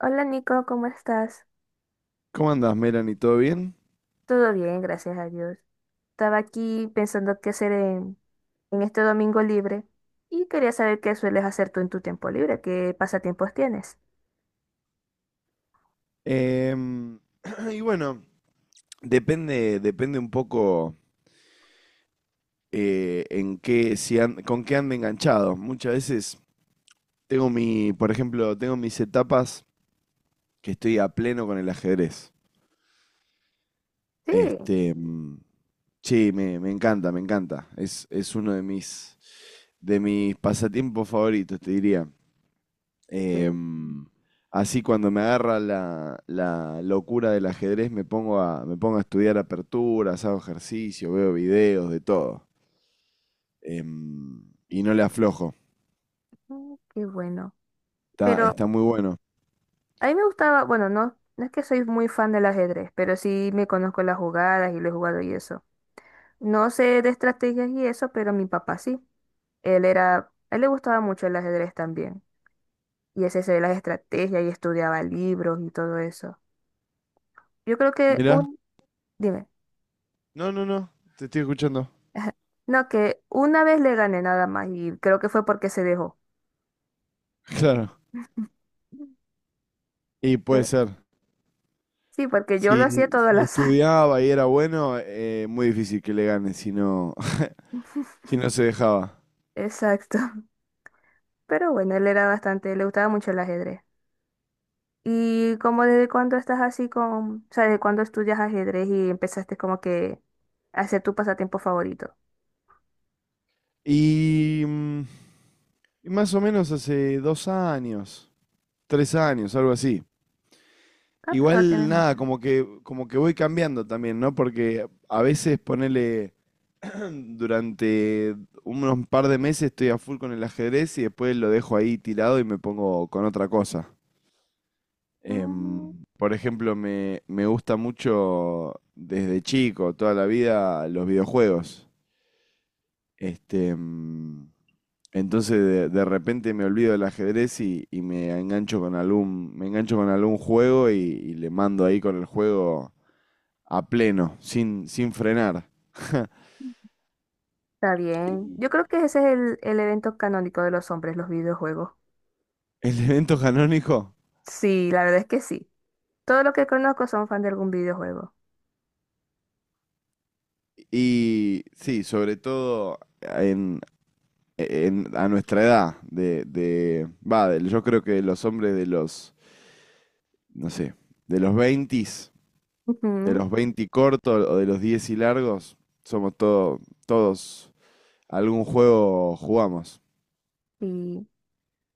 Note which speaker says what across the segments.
Speaker 1: Hola Nico, ¿cómo estás?
Speaker 2: ¿Cómo andás, Melanie? ¿Todo bien?
Speaker 1: Todo bien, gracias a Dios. Estaba aquí pensando qué hacer en este domingo libre y quería saber qué sueles hacer tú en tu tiempo libre, qué pasatiempos tienes.
Speaker 2: Em, y bueno, depende un poco en qué, si an- con qué ande enganchado. Muchas veces por ejemplo, tengo mis etapas que estoy a pleno con el ajedrez.
Speaker 1: Sí,
Speaker 2: Este, mm, sí, me encanta, me encanta. Es uno de mis pasatiempos favoritos, te diría.
Speaker 1: el-
Speaker 2: Em, Así cuando me agarra la locura del ajedrez me pongo a estudiar aperturas, hago ejercicio, veo videos, de todo. Em, y no le aflojo.
Speaker 1: mm, qué bueno.
Speaker 2: Está,
Speaker 1: Pero
Speaker 2: está muy bueno.
Speaker 1: a mí me gustaba, bueno, no, no es que soy muy fan del ajedrez, pero sí me conozco las jugadas y lo he jugado y eso. No sé de estrategias y eso, pero mi papá sí. Él era, a él le gustaba mucho el ajedrez también. Y ese se las estrategias y estudiaba libros y todo eso. Yo creo que
Speaker 2: Mirá.
Speaker 1: un, dime,
Speaker 2: No, no, no. Te estoy escuchando.
Speaker 1: no, que una vez le gané nada más y creo que fue porque se dejó.
Speaker 2: Claro. Y puede
Speaker 1: Eh,
Speaker 2: ser.
Speaker 1: Sí, porque yo lo hacía
Speaker 2: Si,
Speaker 1: todo al
Speaker 2: si
Speaker 1: azar.
Speaker 2: estudiaba y era bueno, muy difícil que le gane si no, si no se dejaba.
Speaker 1: Exacto. Pero bueno, él era bastante, le gustaba mucho el ajedrez. ¿Y como desde cuándo estás así con, o sea, desde cuándo estudias ajedrez y empezaste como que a hacer tu pasatiempo favorito?
Speaker 2: Y, mm, y más o menos hace 2 años, 3 años, algo así.
Speaker 1: Ah, pero no tienes
Speaker 2: Igual nada,
Speaker 1: mucho.
Speaker 2: como que voy cambiando también, ¿no? Porque a veces ponele durante unos par de meses estoy a full con el ajedrez y después lo dejo ahí tirado y me pongo con otra cosa. Em,
Speaker 1: Mm.
Speaker 2: por ejemplo, me gusta mucho desde chico, toda la vida, los videojuegos. Este, em, entonces de repente me olvido del ajedrez y me engancho con algún juego y le mando ahí con el juego a pleno, sin frenar.
Speaker 1: Está bien. Yo creo que ese es el evento canónico de los hombres, los videojuegos.
Speaker 2: El evento canónico.
Speaker 1: Sí, la verdad es que sí. Todo lo que conozco son fan de algún videojuego.
Speaker 2: Y sí, sobre todo a nuestra edad, yo creo que los hombres de no sé, de los 20, de
Speaker 1: Ujú.
Speaker 2: los 20 cortos o de los 10 y largos, somos todos, algún juego jugamos.
Speaker 1: Y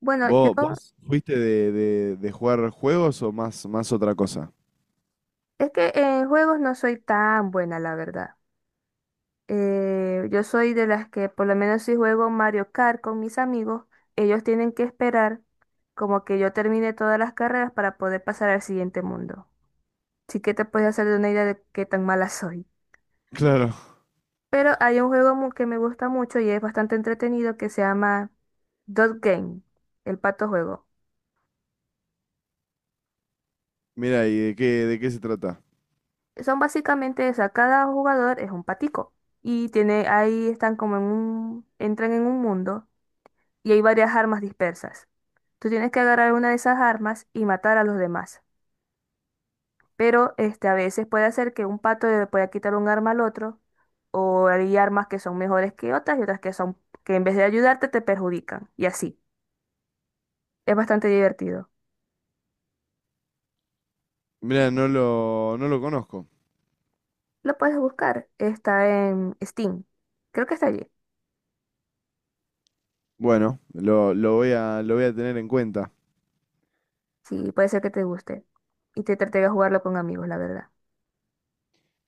Speaker 1: bueno, yo
Speaker 2: ¿Vos fuiste de jugar juegos o más otra cosa?
Speaker 1: es que en juegos no soy tan buena, la verdad. Yo soy de las que, por lo menos si juego Mario Kart con mis amigos, ellos tienen que esperar como que yo termine todas las carreras para poder pasar al siguiente mundo. Así que te puedes hacer de una idea de qué tan mala soy.
Speaker 2: Claro.
Speaker 1: Pero hay un que me gusta mucho y es bastante entretenido que se llama Dot Game, el pato juego.
Speaker 2: Mira, ¿y de qué se trata?
Speaker 1: Son básicamente, o sea, cada jugador es un patico y tiene, ahí están como en un, entran en un mundo y hay varias armas dispersas. Tú tienes que agarrar una de esas armas y matar a los demás. Pero este, a veces puede hacer que un pato le pueda quitar un arma al otro o hay armas que son mejores que otras y otras que son, que en vez de ayudarte te perjudican y así. Es bastante divertido.
Speaker 2: Mirá, no lo conozco.
Speaker 1: Lo puedes buscar, está en Steam. Creo que está allí.
Speaker 2: Bueno, lo voy a tener en cuenta.
Speaker 1: Sí, puede ser que te guste y te trate de jugarlo con amigos, la verdad.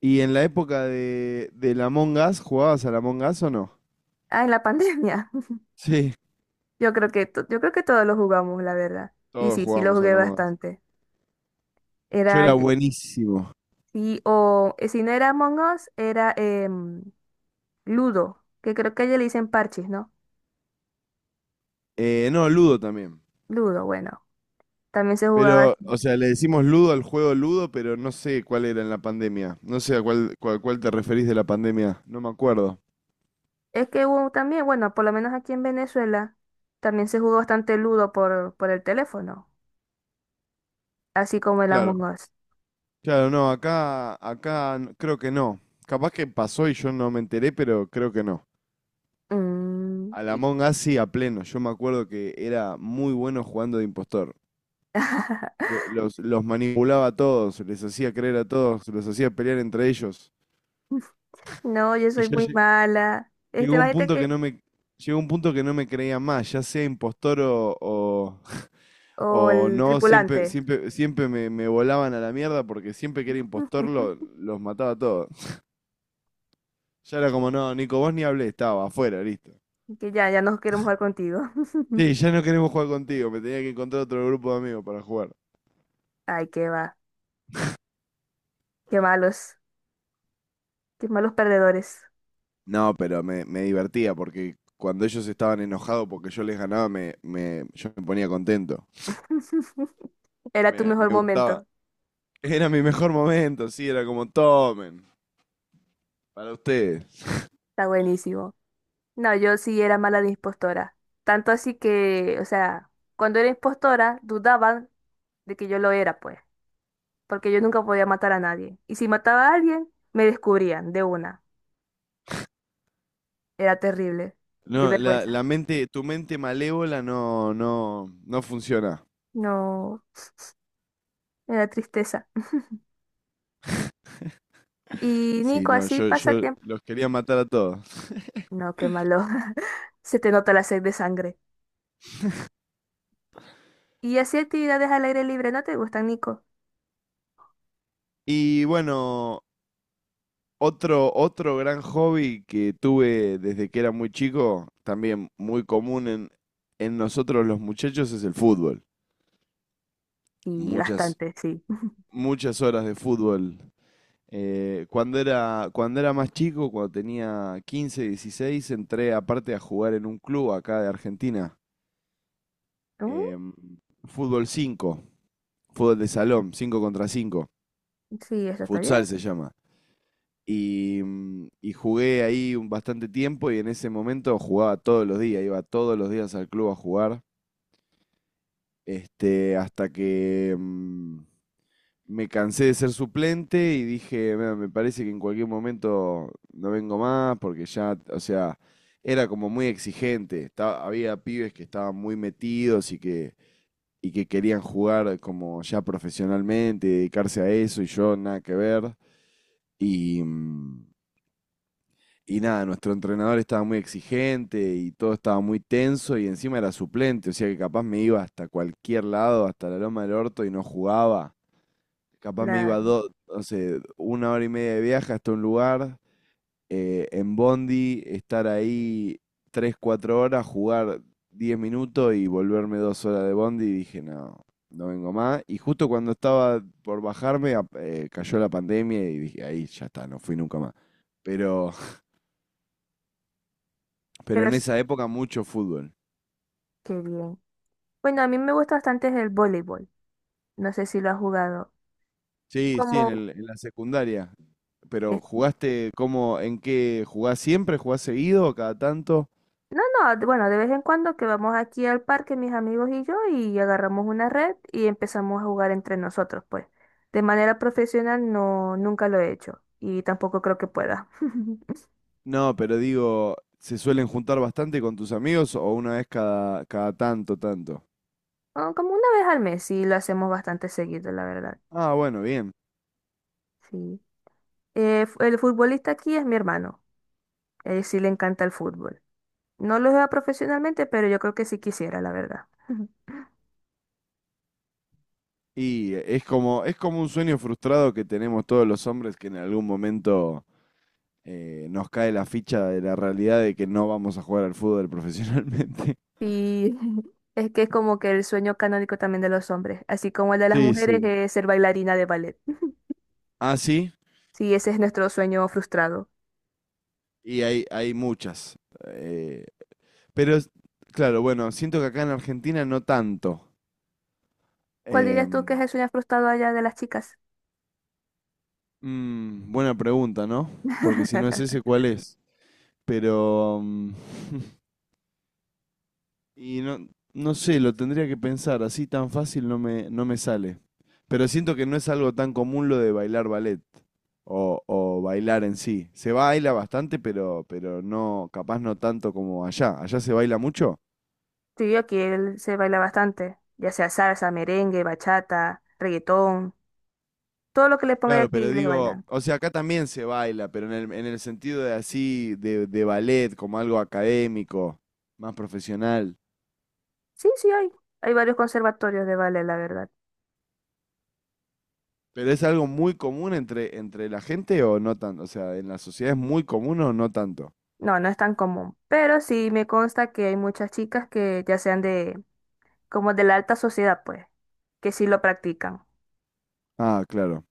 Speaker 2: ¿Y en la época del Among Us, jugabas al Among Us o no?
Speaker 1: Ah, en la pandemia.
Speaker 2: Sí.
Speaker 1: Yo creo que yo creo que todos lo jugamos, la verdad. Y
Speaker 2: Todos
Speaker 1: sí, sí lo
Speaker 2: jugábamos
Speaker 1: jugué
Speaker 2: al Among Us.
Speaker 1: bastante.
Speaker 2: Yo
Speaker 1: Era
Speaker 2: era buenísimo.
Speaker 1: sí, o si no era Among Us, era em, Ludo, que creo que ya le dicen parches, ¿no?
Speaker 2: No, Ludo también.
Speaker 1: Ludo, bueno, también se jugaba.
Speaker 2: Pero, o
Speaker 1: Así.
Speaker 2: sea, le decimos Ludo al juego Ludo, pero no sé cuál era en la pandemia. No sé a cuál te referís de la pandemia. No me acuerdo.
Speaker 1: Es que hubo también, bueno, por lo menos aquí en Venezuela, también se jugó bastante Ludo por el teléfono, así como el Among
Speaker 2: Claro.
Speaker 1: Us.
Speaker 2: Claro, no, acá creo que no. Capaz que pasó y yo no me enteré, pero creo que no.
Speaker 1: Mm,
Speaker 2: Al
Speaker 1: y-
Speaker 2: Among Us sí, a pleno. Yo me acuerdo que era muy bueno jugando de impostor. Los manipulaba a todos, les hacía creer a todos, los hacía pelear entre ellos.
Speaker 1: no, yo
Speaker 2: Y
Speaker 1: soy
Speaker 2: ya
Speaker 1: muy mala.
Speaker 2: llegó
Speaker 1: Este,
Speaker 2: un
Speaker 1: imagínate
Speaker 2: punto que
Speaker 1: que.
Speaker 2: no me, llegó un punto que no me creía más, ya sea impostor o, o,
Speaker 1: O
Speaker 2: o
Speaker 1: el
Speaker 2: no, siempre,
Speaker 1: tripulante.
Speaker 2: siempre, siempre me volaban a la mierda porque siempre que era impostor los mataba a todos. Ya era como, "No, Nico, vos ni hablé, estaba afuera, listo.
Speaker 1: Que ya, ya no queremos jugar contigo.
Speaker 2: Sí, ya no queremos jugar contigo", me tenía que encontrar otro grupo de amigos para jugar.
Speaker 1: Ay, qué va. Qué malos. Qué malos perdedores.
Speaker 2: No, pero me divertía porque cuando ellos estaban enojados porque yo les ganaba, yo me ponía contento.
Speaker 1: Era tu
Speaker 2: Me,
Speaker 1: mejor
Speaker 2: me gustaba.
Speaker 1: momento.
Speaker 2: Era mi mejor momento, sí, era como tomen, para ustedes.
Speaker 1: Está buenísimo. No, yo sí era mala de impostora. Tanto así que, o sea, cuando era impostora, dudaban de que yo lo era, pues. Porque yo nunca podía matar a nadie. Y si mataba a alguien, me descubrían de una. Era terrible. De
Speaker 2: No,
Speaker 1: vergüenza.
Speaker 2: tu mente malévola no, no, no funciona.
Speaker 1: No, era tristeza. Y
Speaker 2: Sí,
Speaker 1: Nico,
Speaker 2: no,
Speaker 1: así
Speaker 2: yo,
Speaker 1: pasa
Speaker 2: yo
Speaker 1: tiempo.
Speaker 2: los quería matar a todos.
Speaker 1: No, qué malo. Se te nota la sed de sangre. ¿Y así actividades al aire libre no te gustan, Nico?
Speaker 2: Y bueno, otro gran hobby que tuve desde que era muy chico, también muy común en nosotros los muchachos, es el fútbol.
Speaker 1: Y
Speaker 2: Muchas,
Speaker 1: bastante, sí.
Speaker 2: muchas horas de fútbol. Cuando era, más chico, cuando tenía 15, 16, entré aparte a jugar en un club acá de Argentina.
Speaker 1: Mm.
Speaker 2: em, Fútbol cinco, fútbol de salón, 5 contra cinco,
Speaker 1: Sí, eso está bien,
Speaker 2: futsal se llama. Y jugué ahí un bastante tiempo y en ese momento jugaba todos los días, iba todos los días al club a jugar, hasta que, me cansé de ser suplente y dije: "Mira, me parece que en cualquier momento no vengo más porque ya, o sea, era como muy exigente. Había pibes que estaban muy metidos y que querían jugar como ya profesionalmente, dedicarse a eso y yo nada que ver". Y, mm, y nada, nuestro entrenador estaba muy exigente y todo estaba muy tenso y encima era suplente, o sea que capaz me iba hasta cualquier lado, hasta la loma del orto y no jugaba. Capaz me iba
Speaker 1: claro.
Speaker 2: dos, no sé, una hora y media de viaje hasta un lugar, en Bondi, estar ahí 3, 4 horas, jugar 10 minutos y volverme 2 horas de Bondi y dije: no, no vengo más. Y justo cuando estaba por bajarme, cayó la pandemia y dije: ahí ya está, no fui nunca más. Pero, pero
Speaker 1: Pero
Speaker 2: en
Speaker 1: sí,
Speaker 2: esa época mucho fútbol.
Speaker 1: qué bien. Bueno, a mí me gusta bastante el voleibol. No sé si lo has jugado.
Speaker 2: Sí, sí,
Speaker 1: Como
Speaker 2: en la secundaria. Pero
Speaker 1: es-
Speaker 2: jugaste cómo, ¿en qué? ¿Jugás siempre? ¿Jugás seguido? ¿Cada tanto?
Speaker 1: no, no, bueno, de vez en cuando que vamos aquí al parque, mis amigos y yo, y agarramos una red y empezamos a jugar entre nosotros, pues. De manera profesional no, nunca lo he hecho. Y tampoco creo que pueda.
Speaker 2: No, pero digo, ¿se suelen juntar bastante con tus amigos o una vez cada tanto, tanto?
Speaker 1: Ah, como una vez al mes, sí, lo hacemos bastante seguido, la verdad.
Speaker 2: Ah, bueno, bien.
Speaker 1: Sí. El futbolista aquí es mi hermano. Él sí le encanta el fútbol. No lo juega profesionalmente, pero yo creo que sí quisiera, la verdad.
Speaker 2: Y es como un sueño frustrado que tenemos todos los hombres que en algún momento nos cae la ficha de la realidad de que no vamos a jugar al fútbol profesionalmente.
Speaker 1: Y es que es como que el sueño canónico también de los hombres, así como el de las
Speaker 2: Sí,
Speaker 1: mujeres
Speaker 2: sí.
Speaker 1: es ser bailarina de ballet.
Speaker 2: Ah, sí,
Speaker 1: Sí, ese es nuestro sueño frustrado.
Speaker 2: y hay muchas. eh, pero, claro, bueno, siento que acá en Argentina no tanto.
Speaker 1: ¿Cuál dirías tú que es
Speaker 2: Em,
Speaker 1: el sueño frustrado allá de las chicas?
Speaker 2: Buena pregunta, ¿no? Porque si no es ese, ¿cuál es? Pero Y no, no sé, lo tendría que pensar, así tan fácil no me sale. Pero siento que no es algo tan común lo de bailar ballet o bailar en sí. Se baila bastante, pero no, capaz no tanto como allá. ¿Allá se baila mucho?
Speaker 1: Sí, aquí él se baila bastante, ya sea salsa, merengue, bachata, reggaetón, todo lo que le ponga
Speaker 2: Claro, pero
Speaker 1: aquí les
Speaker 2: digo,
Speaker 1: bailan.
Speaker 2: o sea, acá también se baila, pero en el sentido de así, de ballet, como algo académico, más profesional.
Speaker 1: Sí, sí hay. Hay varios conservatorios de ballet, la verdad.
Speaker 2: ¿Pero es algo muy común entre la gente o no tanto? O sea, ¿en la sociedad es muy común o no tanto?
Speaker 1: No, no es tan común, pero sí me consta que hay muchas chicas que ya sean de, como de la alta sociedad, pues, que sí lo practican.
Speaker 2: Ah, claro,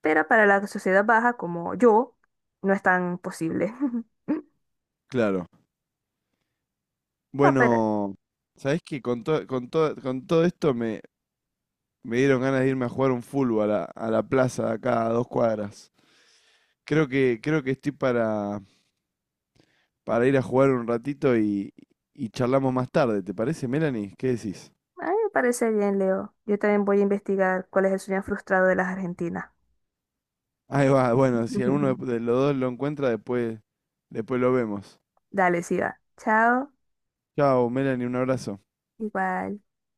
Speaker 1: Pero para la sociedad baja, como yo, no es tan posible.
Speaker 2: claro.
Speaker 1: No, pero
Speaker 2: Bueno, ¿sabés qué? Con todo esto me dieron ganas de irme a jugar un fútbol a la plaza de acá a 2 cuadras. Creo que estoy para ir a jugar un ratito y charlamos más tarde. ¿Te parece, Melanie? ¿Qué decís?
Speaker 1: a mí me parece bien, Leo. Yo también voy a investigar cuál es el sueño frustrado de las argentinas.
Speaker 2: Ahí va, bueno, si alguno de los dos lo encuentra, después lo vemos.
Speaker 1: Dale, sí va. Chao.
Speaker 2: Chao, Melanie, un abrazo.
Speaker 1: Igual.